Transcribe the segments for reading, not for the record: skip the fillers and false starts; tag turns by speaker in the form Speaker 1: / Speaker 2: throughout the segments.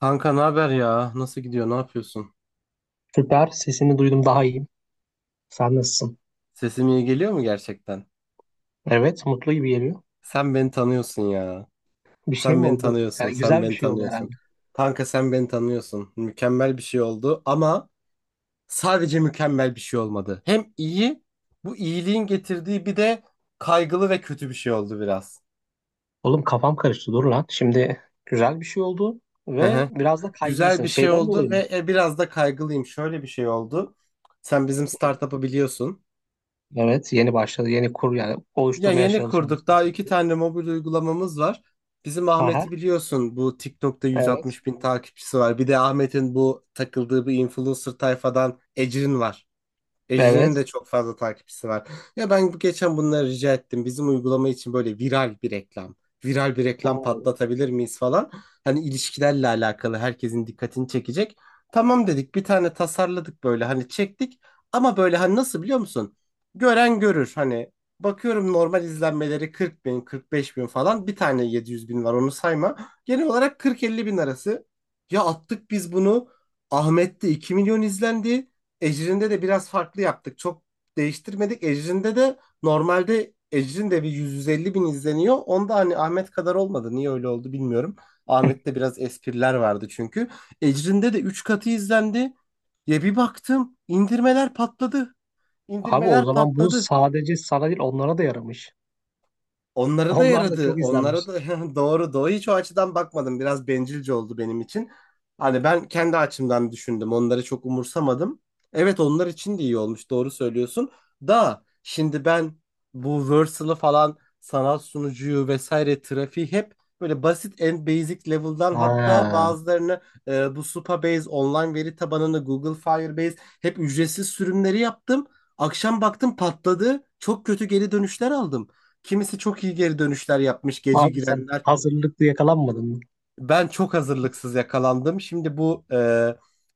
Speaker 1: Kanka ne haber ya? Nasıl gidiyor? Ne yapıyorsun?
Speaker 2: Süper. Sesini duydum daha iyiyim. Sen nasılsın?
Speaker 1: Sesim iyi geliyor mu gerçekten?
Speaker 2: Evet, mutlu gibi geliyor.
Speaker 1: Sen beni tanıyorsun ya.
Speaker 2: Bir şey
Speaker 1: Sen
Speaker 2: mi
Speaker 1: beni
Speaker 2: oldu?
Speaker 1: tanıyorsun.
Speaker 2: Yani
Speaker 1: Sen
Speaker 2: güzel bir
Speaker 1: beni
Speaker 2: şey oldu herhalde.
Speaker 1: tanıyorsun. Kanka sen beni tanıyorsun. Mükemmel bir şey oldu ama sadece mükemmel bir şey olmadı. Hem iyi, bu iyiliğin getirdiği bir de kaygılı ve kötü bir şey oldu biraz.
Speaker 2: Oğlum kafam karıştı. Dur lan. Şimdi güzel bir şey oldu
Speaker 1: Hı
Speaker 2: ve
Speaker 1: hı.
Speaker 2: biraz da
Speaker 1: Güzel
Speaker 2: kaygılısın.
Speaker 1: bir şey
Speaker 2: Şeyden
Speaker 1: oldu
Speaker 2: dolayı mı?
Speaker 1: ve biraz da kaygılıyım. Şöyle bir şey oldu. Sen bizim startup'ı biliyorsun.
Speaker 2: Evet, yeni başladı. Yeni kur yani
Speaker 1: Ya
Speaker 2: oluşturmaya
Speaker 1: yeni kurduk.
Speaker 2: çalışıyorsun.
Speaker 1: Daha iki tane mobil uygulamamız var. Bizim
Speaker 2: Aha,
Speaker 1: Ahmet'i biliyorsun. Bu TikTok'ta
Speaker 2: evet.
Speaker 1: 160 bin takipçisi var. Bir de Ahmet'in bu takıldığı bir influencer tayfadan Ecrin var. Ejrin'in de
Speaker 2: Evet.
Speaker 1: çok fazla takipçisi var. Ya ben geçen bunları rica ettim. Bizim uygulama için böyle viral bir reklam. Viral bir reklam
Speaker 2: Oo.
Speaker 1: patlatabilir miyiz falan. Hani ilişkilerle alakalı herkesin dikkatini çekecek. Tamam dedik, bir tane tasarladık böyle hani çektik. Ama böyle hani nasıl biliyor musun? Gören görür hani. Bakıyorum normal izlenmeleri 40 bin, 45 bin falan. Bir tane 700 bin var, onu sayma. Genel olarak 40-50 bin arası. Ya attık biz bunu. Ahmet'te 2 milyon izlendi. Ecrin'de de biraz farklı yaptık. Çok değiştirmedik. Ecrin'de de normalde Ecrin de bir 150 bin izleniyor. Onda hani Ahmet kadar olmadı. Niye öyle oldu bilmiyorum. Ahmet'te biraz espriler vardı çünkü. Ecrin'de de 3 katı izlendi. Ya bir baktım indirmeler patladı.
Speaker 2: Abi, o
Speaker 1: İndirmeler
Speaker 2: zaman bu
Speaker 1: patladı.
Speaker 2: sadece sana değil onlara da yaramış.
Speaker 1: Onlara da
Speaker 2: Onlar da
Speaker 1: yaradı.
Speaker 2: çok
Speaker 1: Onlara
Speaker 2: izlenmiş.
Speaker 1: da doğru, doğru. Hiç o açıdan bakmadım. Biraz bencilce oldu benim için. Hani ben kendi açımdan düşündüm. Onları çok umursamadım. Evet, onlar için de iyi olmuş. Doğru söylüyorsun. Da şimdi ben bu Versal'ı falan, sanal sunucuyu vesaire, trafiği hep böyle basit, en basic level'dan, hatta
Speaker 2: Ha.
Speaker 1: bazılarını bu Supabase online veri tabanını, Google Firebase, hep ücretsiz sürümleri yaptım. Akşam baktım patladı. Çok kötü geri dönüşler aldım. Kimisi çok iyi geri dönüşler yapmış, gece
Speaker 2: Abi, sen
Speaker 1: girenler.
Speaker 2: hazırlıklı yakalanmadın mı?
Speaker 1: Ben çok hazırlıksız yakalandım. Şimdi bu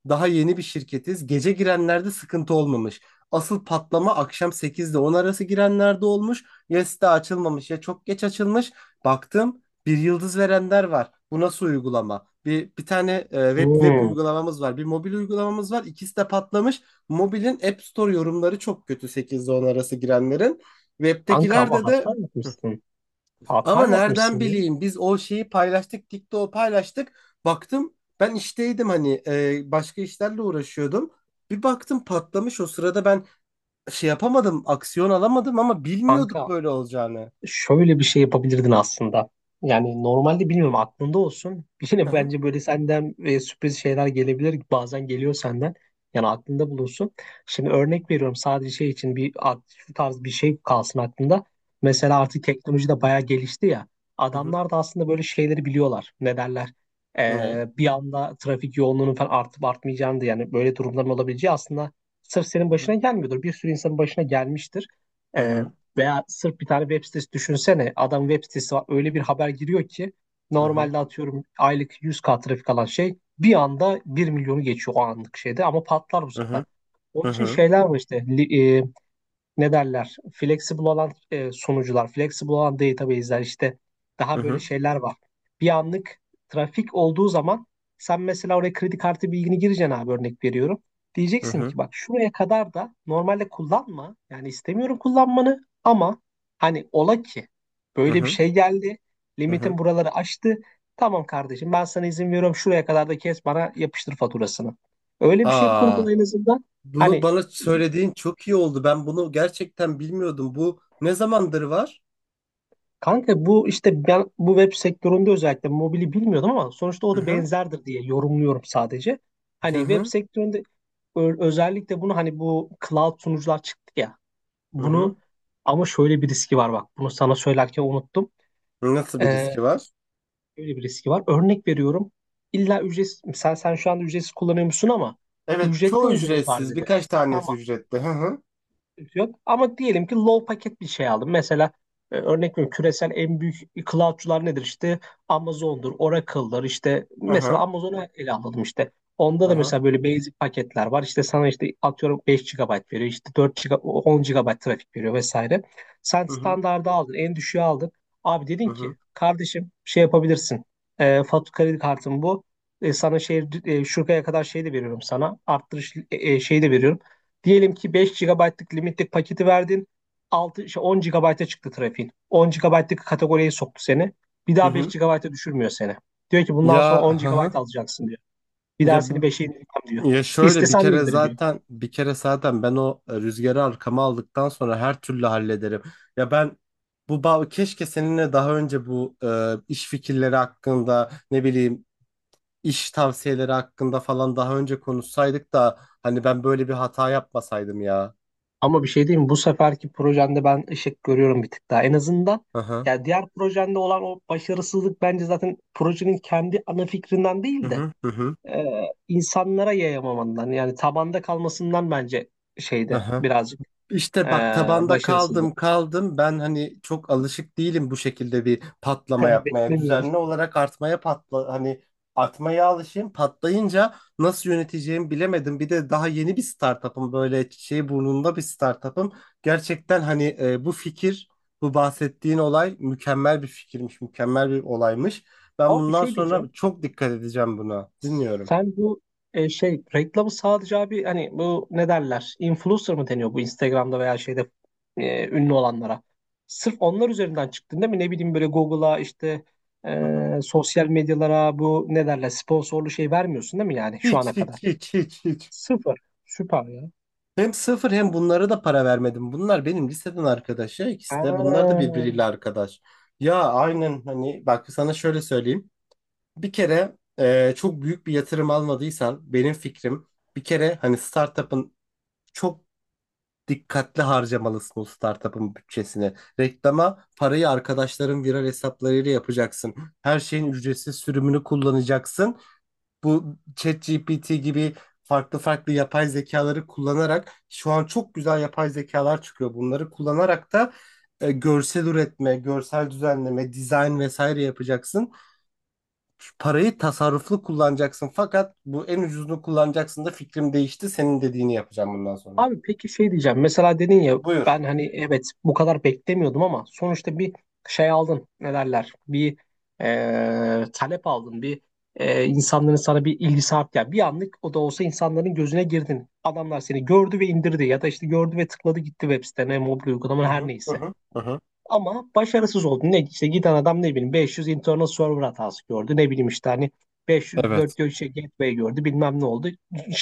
Speaker 1: daha yeni bir şirketiz. Gece girenlerde sıkıntı olmamış. Asıl patlama akşam 8 ile 10 arası girenlerde olmuş. Ya site açılmamış ya çok geç açılmış. Baktım bir yıldız verenler var. Bu nasıl uygulama? Bir tane web
Speaker 2: Hmm.
Speaker 1: uygulamamız var. Bir mobil uygulamamız var. İkisi de patlamış. Mobilin App Store yorumları çok kötü, 8 ile 10 arası girenlerin.
Speaker 2: Kanka, ama
Speaker 1: Web'tekilerde
Speaker 2: hata
Speaker 1: de,
Speaker 2: yapmışsın. Hata
Speaker 1: ama nereden
Speaker 2: yapmışsın ya.
Speaker 1: bileyim, biz o şeyi paylaştık, TikTok'u paylaştık. Baktım, ben işteydim, hani başka işlerle uğraşıyordum. Bir baktım patlamış o sırada, ben şey yapamadım, aksiyon alamadım ama bilmiyorduk
Speaker 2: Kanka,
Speaker 1: böyle olacağını.
Speaker 2: şöyle bir şey yapabilirdin aslında. Yani normalde bilmiyorum aklında olsun.
Speaker 1: Hı
Speaker 2: Yine
Speaker 1: hı.
Speaker 2: bence böyle senden sürpriz şeyler gelebilir. Bazen geliyor senden. Yani aklında bulunsun. Şimdi örnek veriyorum sadece şey için şu tarz bir şey kalsın aklında.
Speaker 1: Hı hı.
Speaker 2: Mesela artık teknoloji de bayağı gelişti ya.
Speaker 1: Hı hı. Hı hı.
Speaker 2: Adamlar da aslında böyle şeyleri biliyorlar. Ne derler?
Speaker 1: Ne?
Speaker 2: Bir anda trafik yoğunluğunun falan artıp artmayacağını da yani böyle durumların olabileceği aslında sırf senin
Speaker 1: Hı
Speaker 2: başına
Speaker 1: hı.
Speaker 2: gelmiyordur. Bir sürü insanın başına gelmiştir.
Speaker 1: Hı
Speaker 2: E,
Speaker 1: hı.
Speaker 2: veya sırf bir tane web sitesi düşünsene. Adam web sitesi var. Öyle bir haber giriyor ki normalde atıyorum aylık 100K trafik alan şey bir anda 1 milyonu geçiyor o anlık şeyde ama patlar bu
Speaker 1: Hı
Speaker 2: sefer.
Speaker 1: hı. Hı
Speaker 2: Onun için
Speaker 1: hı.
Speaker 2: şeyler var işte ne derler flexible olan sunucular, flexible olan database'ler işte
Speaker 1: Hı
Speaker 2: daha böyle
Speaker 1: hı.
Speaker 2: şeyler var. Bir anlık trafik olduğu zaman sen mesela oraya kredi kartı bilgini gireceksin abi, örnek veriyorum.
Speaker 1: Hı hı. Hı
Speaker 2: Diyeceksin
Speaker 1: hı.
Speaker 2: ki bak şuraya kadar da normalde kullanma. Yani istemiyorum kullanmanı ama hani ola ki
Speaker 1: Hı
Speaker 2: böyle bir
Speaker 1: hı.
Speaker 2: şey geldi.
Speaker 1: Hı hı.
Speaker 2: Limitin buraları aştı. Tamam kardeşim, ben sana izin veriyorum şuraya kadar da kes bana yapıştır faturasını. Öyle bir şey
Speaker 1: Aa,
Speaker 2: kurgula en azından.
Speaker 1: bunu
Speaker 2: Hani
Speaker 1: bana söylediğin çok iyi oldu. Ben bunu gerçekten bilmiyordum. Bu ne zamandır var?
Speaker 2: kanka, bu işte ben bu web sektöründe özellikle mobili bilmiyordum ama sonuçta
Speaker 1: Hı
Speaker 2: o da
Speaker 1: hı.
Speaker 2: benzerdir diye yorumluyorum sadece.
Speaker 1: Hı
Speaker 2: Hani web
Speaker 1: hı.
Speaker 2: sektöründe özellikle bunu hani bu cloud sunucular çıktı ya.
Speaker 1: Hı hı.
Speaker 2: Bunu ama şöyle bir riski var bak. Bunu sana söylerken unuttum.
Speaker 1: Nasıl bir
Speaker 2: Ee,
Speaker 1: riski var?
Speaker 2: şöyle bir riski var. Örnek veriyorum. İlla ücretsiz sen şu anda ücretsiz kullanıyor musun ama
Speaker 1: Evet,
Speaker 2: ücretli
Speaker 1: çoğu
Speaker 2: olduğunu farz
Speaker 1: ücretsiz.
Speaker 2: edelim.
Speaker 1: Birkaç
Speaker 2: Sen
Speaker 1: tanesi ücretli. Hı hı.
Speaker 2: yok. Ama diyelim ki low paket bir şey aldım. Mesela örnek veriyorum küresel en büyük cloud'cular nedir? İşte Amazon'dur, Oracle'dır. İşte
Speaker 1: Hı
Speaker 2: mesela
Speaker 1: hı.
Speaker 2: Amazon'u ele alalım işte. Onda
Speaker 1: Hı
Speaker 2: da
Speaker 1: hı.
Speaker 2: mesela böyle basic paketler var. İşte sana işte atıyorum 5 gigabayt veriyor. İşte 4 giga, 10 GB trafik veriyor vesaire. Sen
Speaker 1: Hı hı.
Speaker 2: standardı aldın, en düşüğü aldın. Abi, dedin
Speaker 1: Hı hı.
Speaker 2: ki kardeşim şey yapabilirsin. Fatura kredi kartım bu. Sana şey şuraya kadar şey de veriyorum sana. Arttırış şey de veriyorum. Diyelim ki 5 gigabaytlık limitlik paketi verdin. 6, şey 10 GB'a çıktı trafiğin. 10 gigabaytlık kategoriye soktu seni. Bir
Speaker 1: Hı
Speaker 2: daha 5
Speaker 1: hı.
Speaker 2: GB'a düşürmüyor seni. Diyor ki bundan sonra
Speaker 1: Ya
Speaker 2: 10
Speaker 1: hı
Speaker 2: GB
Speaker 1: hı.
Speaker 2: alacaksın diyor. Bir daha
Speaker 1: Ya
Speaker 2: seni
Speaker 1: bu
Speaker 2: 5'e indirmem diyor.
Speaker 1: ya şöyle, bir
Speaker 2: İstesen de
Speaker 1: kere
Speaker 2: indirmiyor.
Speaker 1: zaten bir kere zaten ben o rüzgarı arkama aldıktan sonra her türlü hallederim. Ya ben bu bağ, keşke seninle daha önce bu iş fikirleri hakkında, ne bileyim, iş tavsiyeleri hakkında falan daha önce konuşsaydık da hani ben böyle bir hata yapmasaydım ya.
Speaker 2: Ama bir şey diyeyim mi? Bu seferki projende ben ışık görüyorum bir tık daha. En azından
Speaker 1: Hı hı.
Speaker 2: ya diğer projende olan o başarısızlık bence zaten projenin kendi ana fikrinden
Speaker 1: Hı
Speaker 2: değil de
Speaker 1: hı.
Speaker 2: e, insanlara yayamamandan yani tabanda kalmasından bence
Speaker 1: Hı
Speaker 2: şeyde
Speaker 1: hı.
Speaker 2: birazcık
Speaker 1: İşte
Speaker 2: Ee,
Speaker 1: bak, tabanda
Speaker 2: başarısızlık.
Speaker 1: kaldım kaldım ben, hani çok alışık değilim bu şekilde bir patlama yapmaya,
Speaker 2: Beklemiyordum.
Speaker 1: düzenli olarak artmaya, patla hani artmaya alışayım, patlayınca nasıl yöneteceğimi bilemedim. Bir de daha yeni bir startup'ım, böyle şey burnunda bir startup'ım gerçekten. Hani bu fikir, bu bahsettiğin olay mükemmel bir fikirmiş, mükemmel bir olaymış. Ben
Speaker 2: Abi, bir
Speaker 1: bundan
Speaker 2: şey
Speaker 1: sonra
Speaker 2: diyeceğim.
Speaker 1: çok dikkat edeceğim buna, dinliyorum.
Speaker 2: Sen bu şey reklamı sadece abi hani bu ne derler? Influencer mı deniyor bu Instagram'da veya şeyde ünlü olanlara? Sırf onlar üzerinden çıktın değil mi? Ne bileyim böyle Google'a işte
Speaker 1: Hı hı.
Speaker 2: sosyal medyalara bu ne derler sponsorlu şey vermiyorsun değil mi yani şu
Speaker 1: Hiç,
Speaker 2: ana kadar?
Speaker 1: hiç, hiç, hiç, hiç.
Speaker 2: Sıfır. Süper ya.
Speaker 1: Hem sıfır, hem bunlara da para vermedim. Bunlar benim liseden arkadaş ya, ikisi de. Bunlar da
Speaker 2: Aa.
Speaker 1: birbiriyle arkadaş. Ya aynen, hani bak sana şöyle söyleyeyim. Bir kere çok büyük bir yatırım almadıysan, benim fikrim, bir kere hani startup'ın, çok dikkatli harcamalısın o startup'ın bütçesini. Reklama parayı arkadaşların viral hesaplarıyla yapacaksın. Her şeyin ücretsiz sürümünü kullanacaksın, bu ChatGPT gibi farklı farklı yapay zekaları kullanarak. Şu an çok güzel yapay zekalar çıkıyor. Bunları kullanarak da görsel üretme, görsel düzenleme, dizayn vesaire yapacaksın. Parayı tasarruflu kullanacaksın, fakat bu en ucuzunu kullanacaksın da, fikrim değişti. Senin dediğini yapacağım bundan sonra.
Speaker 2: Abi, peki şey diyeceğim. Mesela dedin ya
Speaker 1: Buyur.
Speaker 2: ben hani evet bu kadar beklemiyordum ama sonuçta bir şey aldın. Ne derler? Bir talep aldın. Bir insanların sana bir ilgisi arttı. Yani bir anlık o da olsa insanların gözüne girdin. Adamlar seni gördü ve indirdi ya da işte gördü ve tıkladı, gitti web sitene, mobil
Speaker 1: Hı
Speaker 2: uygulama her
Speaker 1: hı, hı
Speaker 2: neyse.
Speaker 1: hı, hı hı.
Speaker 2: Ama başarısız oldu. Ne işte giden adam ne bileyim 500 internal server hatası gördü. Ne bileyim işte hani 500
Speaker 1: Evet.
Speaker 2: 400 şey gateway gördü. Bilmem ne oldu.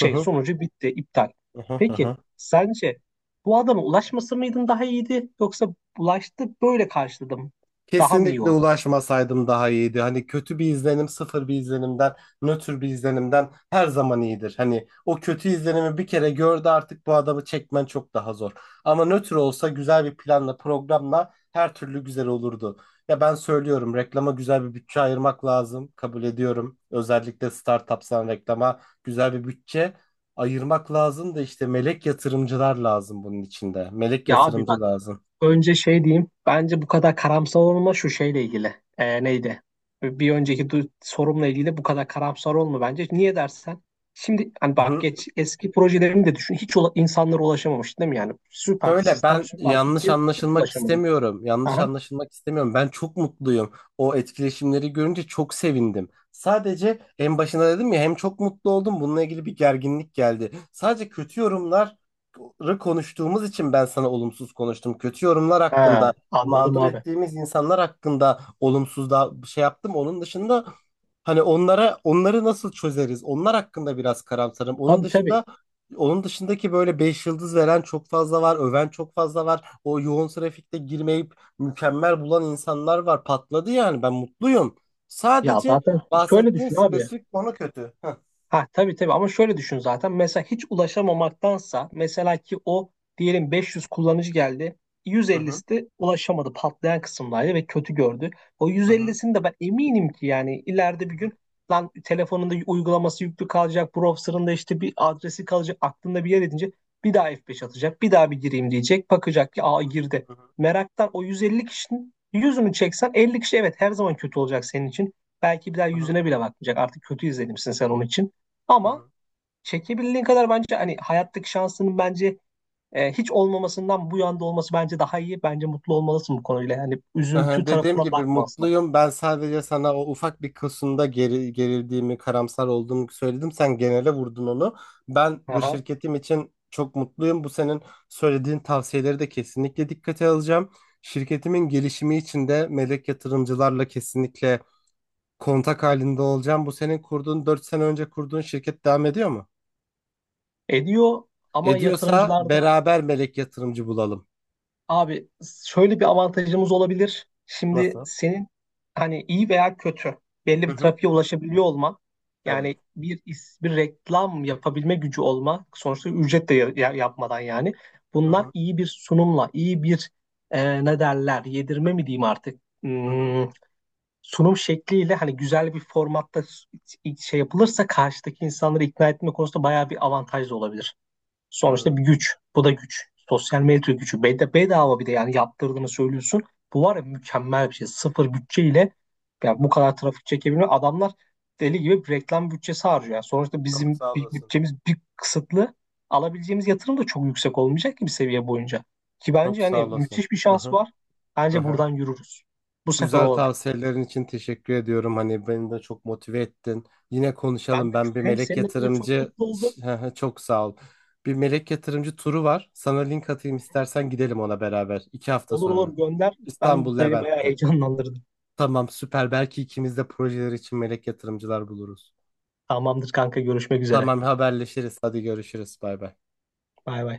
Speaker 1: Hı hı,
Speaker 2: sonucu bitti, iptal.
Speaker 1: hı hı, hı
Speaker 2: Peki
Speaker 1: hı.
Speaker 2: sence bu adama ulaşması mıydın daha iyiydi yoksa ulaştı böyle karşıladım daha mı iyi
Speaker 1: Kesinlikle
Speaker 2: oldu?
Speaker 1: ulaşmasaydım daha iyiydi. Hani kötü bir izlenim, sıfır bir izlenimden, nötr bir izlenimden her zaman iyidir. Hani o kötü izlenimi bir kere gördü, artık bu adamı çekmen çok daha zor. Ama nötr olsa güzel bir planla, programla her türlü güzel olurdu. Ya ben söylüyorum, reklama güzel bir bütçe ayırmak lazım. Kabul ediyorum. Özellikle startupsan reklama güzel bir bütçe ayırmak lazım da, işte melek yatırımcılar lazım bunun içinde. Melek
Speaker 2: Ya abi
Speaker 1: yatırımcı
Speaker 2: bak,
Speaker 1: lazım.
Speaker 2: önce şey diyeyim. Bence bu kadar karamsar olma şu şeyle ilgili. Neydi? Bir önceki sorumla ilgili bu kadar karamsar olma bence. Niye dersen? Şimdi hani bak geç eski projelerini de düşün. Hiç ula- insanlara ulaşamamış değil mi yani? Süper
Speaker 1: Şöyle,
Speaker 2: sistem,
Speaker 1: ben
Speaker 2: süper
Speaker 1: yanlış
Speaker 2: fikir. Hiç
Speaker 1: anlaşılmak
Speaker 2: ulaşamadı.
Speaker 1: istemiyorum. Yanlış
Speaker 2: Aha.
Speaker 1: anlaşılmak istemiyorum. Ben çok mutluyum. O etkileşimleri görünce çok sevindim. Sadece en başında dedim ya, hem çok mutlu oldum. Bununla ilgili bir gerginlik geldi. Sadece kötü yorumları konuştuğumuz için ben sana olumsuz konuştum. Kötü yorumlar hakkında,
Speaker 2: Ha, anladım
Speaker 1: mağdur
Speaker 2: abi.
Speaker 1: ettiğimiz insanlar hakkında olumsuz da şey yaptım. Onun dışında, hani onlara, onları nasıl çözeriz? Onlar hakkında biraz karamsarım. Onun
Speaker 2: Tabii tabii.
Speaker 1: dışında onun dışındaki böyle 5 yıldız veren çok fazla var, öven çok fazla var. O yoğun trafikte girmeyip mükemmel bulan insanlar var. Patladı yani, ben mutluyum.
Speaker 2: Ya
Speaker 1: Sadece
Speaker 2: zaten şöyle
Speaker 1: bahsettiğim
Speaker 2: düşün abi.
Speaker 1: spesifik konu kötü. Heh.
Speaker 2: Ha tabii tabii ama şöyle düşün zaten. Mesela hiç ulaşamamaktansa mesela ki o diyelim 500 kullanıcı geldi.
Speaker 1: Hı hı,
Speaker 2: 150'si de ulaşamadı patlayan kısımdaydı ve kötü gördü. O
Speaker 1: hı hı,
Speaker 2: 150'sini de ben eminim ki yani ileride
Speaker 1: hı
Speaker 2: bir
Speaker 1: hı,
Speaker 2: gün lan telefonunda uygulaması yüklü kalacak, browser'ında işte bir adresi kalacak, aklında bir yer edince bir daha F5 atacak, bir daha bir gireyim diyecek, bakacak ki aa girdi.
Speaker 1: hı hı,
Speaker 2: Meraktan o 150 kişinin yüzünü çeksen 50 kişi evet her zaman kötü olacak senin için. Belki bir daha
Speaker 1: hı hı,
Speaker 2: yüzüne bile bakmayacak. Artık kötü izlenimsin sen onun için.
Speaker 1: hı
Speaker 2: Ama
Speaker 1: hı.
Speaker 2: çekebildiğin kadar bence hani hayattaki şansının bence hiç olmamasından bu yanda olması bence daha iyi. Bence mutlu olmalısın bu konuyla. Yani
Speaker 1: Hı
Speaker 2: üzüntü
Speaker 1: hı, dediğim
Speaker 2: tarafına
Speaker 1: gibi
Speaker 2: bakma asla.
Speaker 1: mutluyum. Ben sadece sana o ufak bir kısımda gerildiğimi, karamsar olduğumu söyledim. Sen genele vurdun onu. Ben bu
Speaker 2: Aha.
Speaker 1: şirketim için çok mutluyum. Bu senin söylediğin tavsiyeleri de kesinlikle dikkate alacağım. Şirketimin gelişimi için de melek yatırımcılarla kesinlikle kontak halinde olacağım. Bu senin kurduğun, 4 sene önce kurduğun şirket devam ediyor mu?
Speaker 2: Ediyor ama
Speaker 1: Ediyorsa
Speaker 2: yatırımcılarda.
Speaker 1: beraber melek yatırımcı bulalım.
Speaker 2: Abi, şöyle bir avantajımız olabilir. Şimdi
Speaker 1: Nasıl?
Speaker 2: senin hani iyi veya kötü belli
Speaker 1: Hı
Speaker 2: bir
Speaker 1: hı.
Speaker 2: trafiğe ulaşabiliyor olman
Speaker 1: Evet.
Speaker 2: yani bir reklam yapabilme gücü olma sonuçta ücret de yapmadan yani
Speaker 1: Hı
Speaker 2: bunlar
Speaker 1: hı.
Speaker 2: iyi bir sunumla iyi bir ne derler yedirme mi diyeyim artık
Speaker 1: Hı hı.
Speaker 2: Sunum şekliyle hani güzel bir formatta şey yapılırsa karşıdaki insanları ikna etme konusunda bayağı bir avantaj da olabilir.
Speaker 1: Hı
Speaker 2: Sonuçta bir güç. Bu da güç. Sosyal medya gücü. Bedava bir de yani yaptırdığını söylüyorsun. Bu var ya mükemmel bir şey. Sıfır bütçeyle yani bu
Speaker 1: hı.
Speaker 2: kadar trafik çekebilmek. Adamlar deli gibi bir reklam bütçesi harcıyor. Yani sonuçta
Speaker 1: Çok
Speaker 2: bizim
Speaker 1: sağ
Speaker 2: bir
Speaker 1: olasın.
Speaker 2: bütçemiz bir kısıtlı. Alabileceğimiz yatırım da çok yüksek olmayacak ki bir seviye boyunca. Ki
Speaker 1: Çok
Speaker 2: bence
Speaker 1: sağ
Speaker 2: hani
Speaker 1: olasın.
Speaker 2: müthiş bir şans
Speaker 1: Aha,
Speaker 2: var. Bence
Speaker 1: aha.
Speaker 2: buradan yürürüz. Bu sefer
Speaker 1: Güzel
Speaker 2: olur.
Speaker 1: tavsiyelerin için teşekkür ediyorum. Hani beni de çok motive ettin. Yine
Speaker 2: Ben de
Speaker 1: konuşalım. Ben
Speaker 2: çok,
Speaker 1: bir
Speaker 2: hem
Speaker 1: melek
Speaker 2: seninle böyle çok
Speaker 1: yatırımcı
Speaker 2: mutlu oldum.
Speaker 1: Hı hı, çok sağ ol. Bir melek yatırımcı turu var. Sana link atayım, istersen gidelim ona beraber. 2 hafta
Speaker 2: Olur
Speaker 1: sonra.
Speaker 2: olur gönder.
Speaker 1: İstanbul
Speaker 2: Ben beni bayağı
Speaker 1: Levent'te.
Speaker 2: heyecanlandırdım.
Speaker 1: Tamam süper. Belki ikimiz de projeler için melek yatırımcılar buluruz.
Speaker 2: Tamamdır kanka, görüşmek üzere.
Speaker 1: Tamam, haberleşiriz. Hadi görüşürüz. Bay bay.
Speaker 2: Bay bay.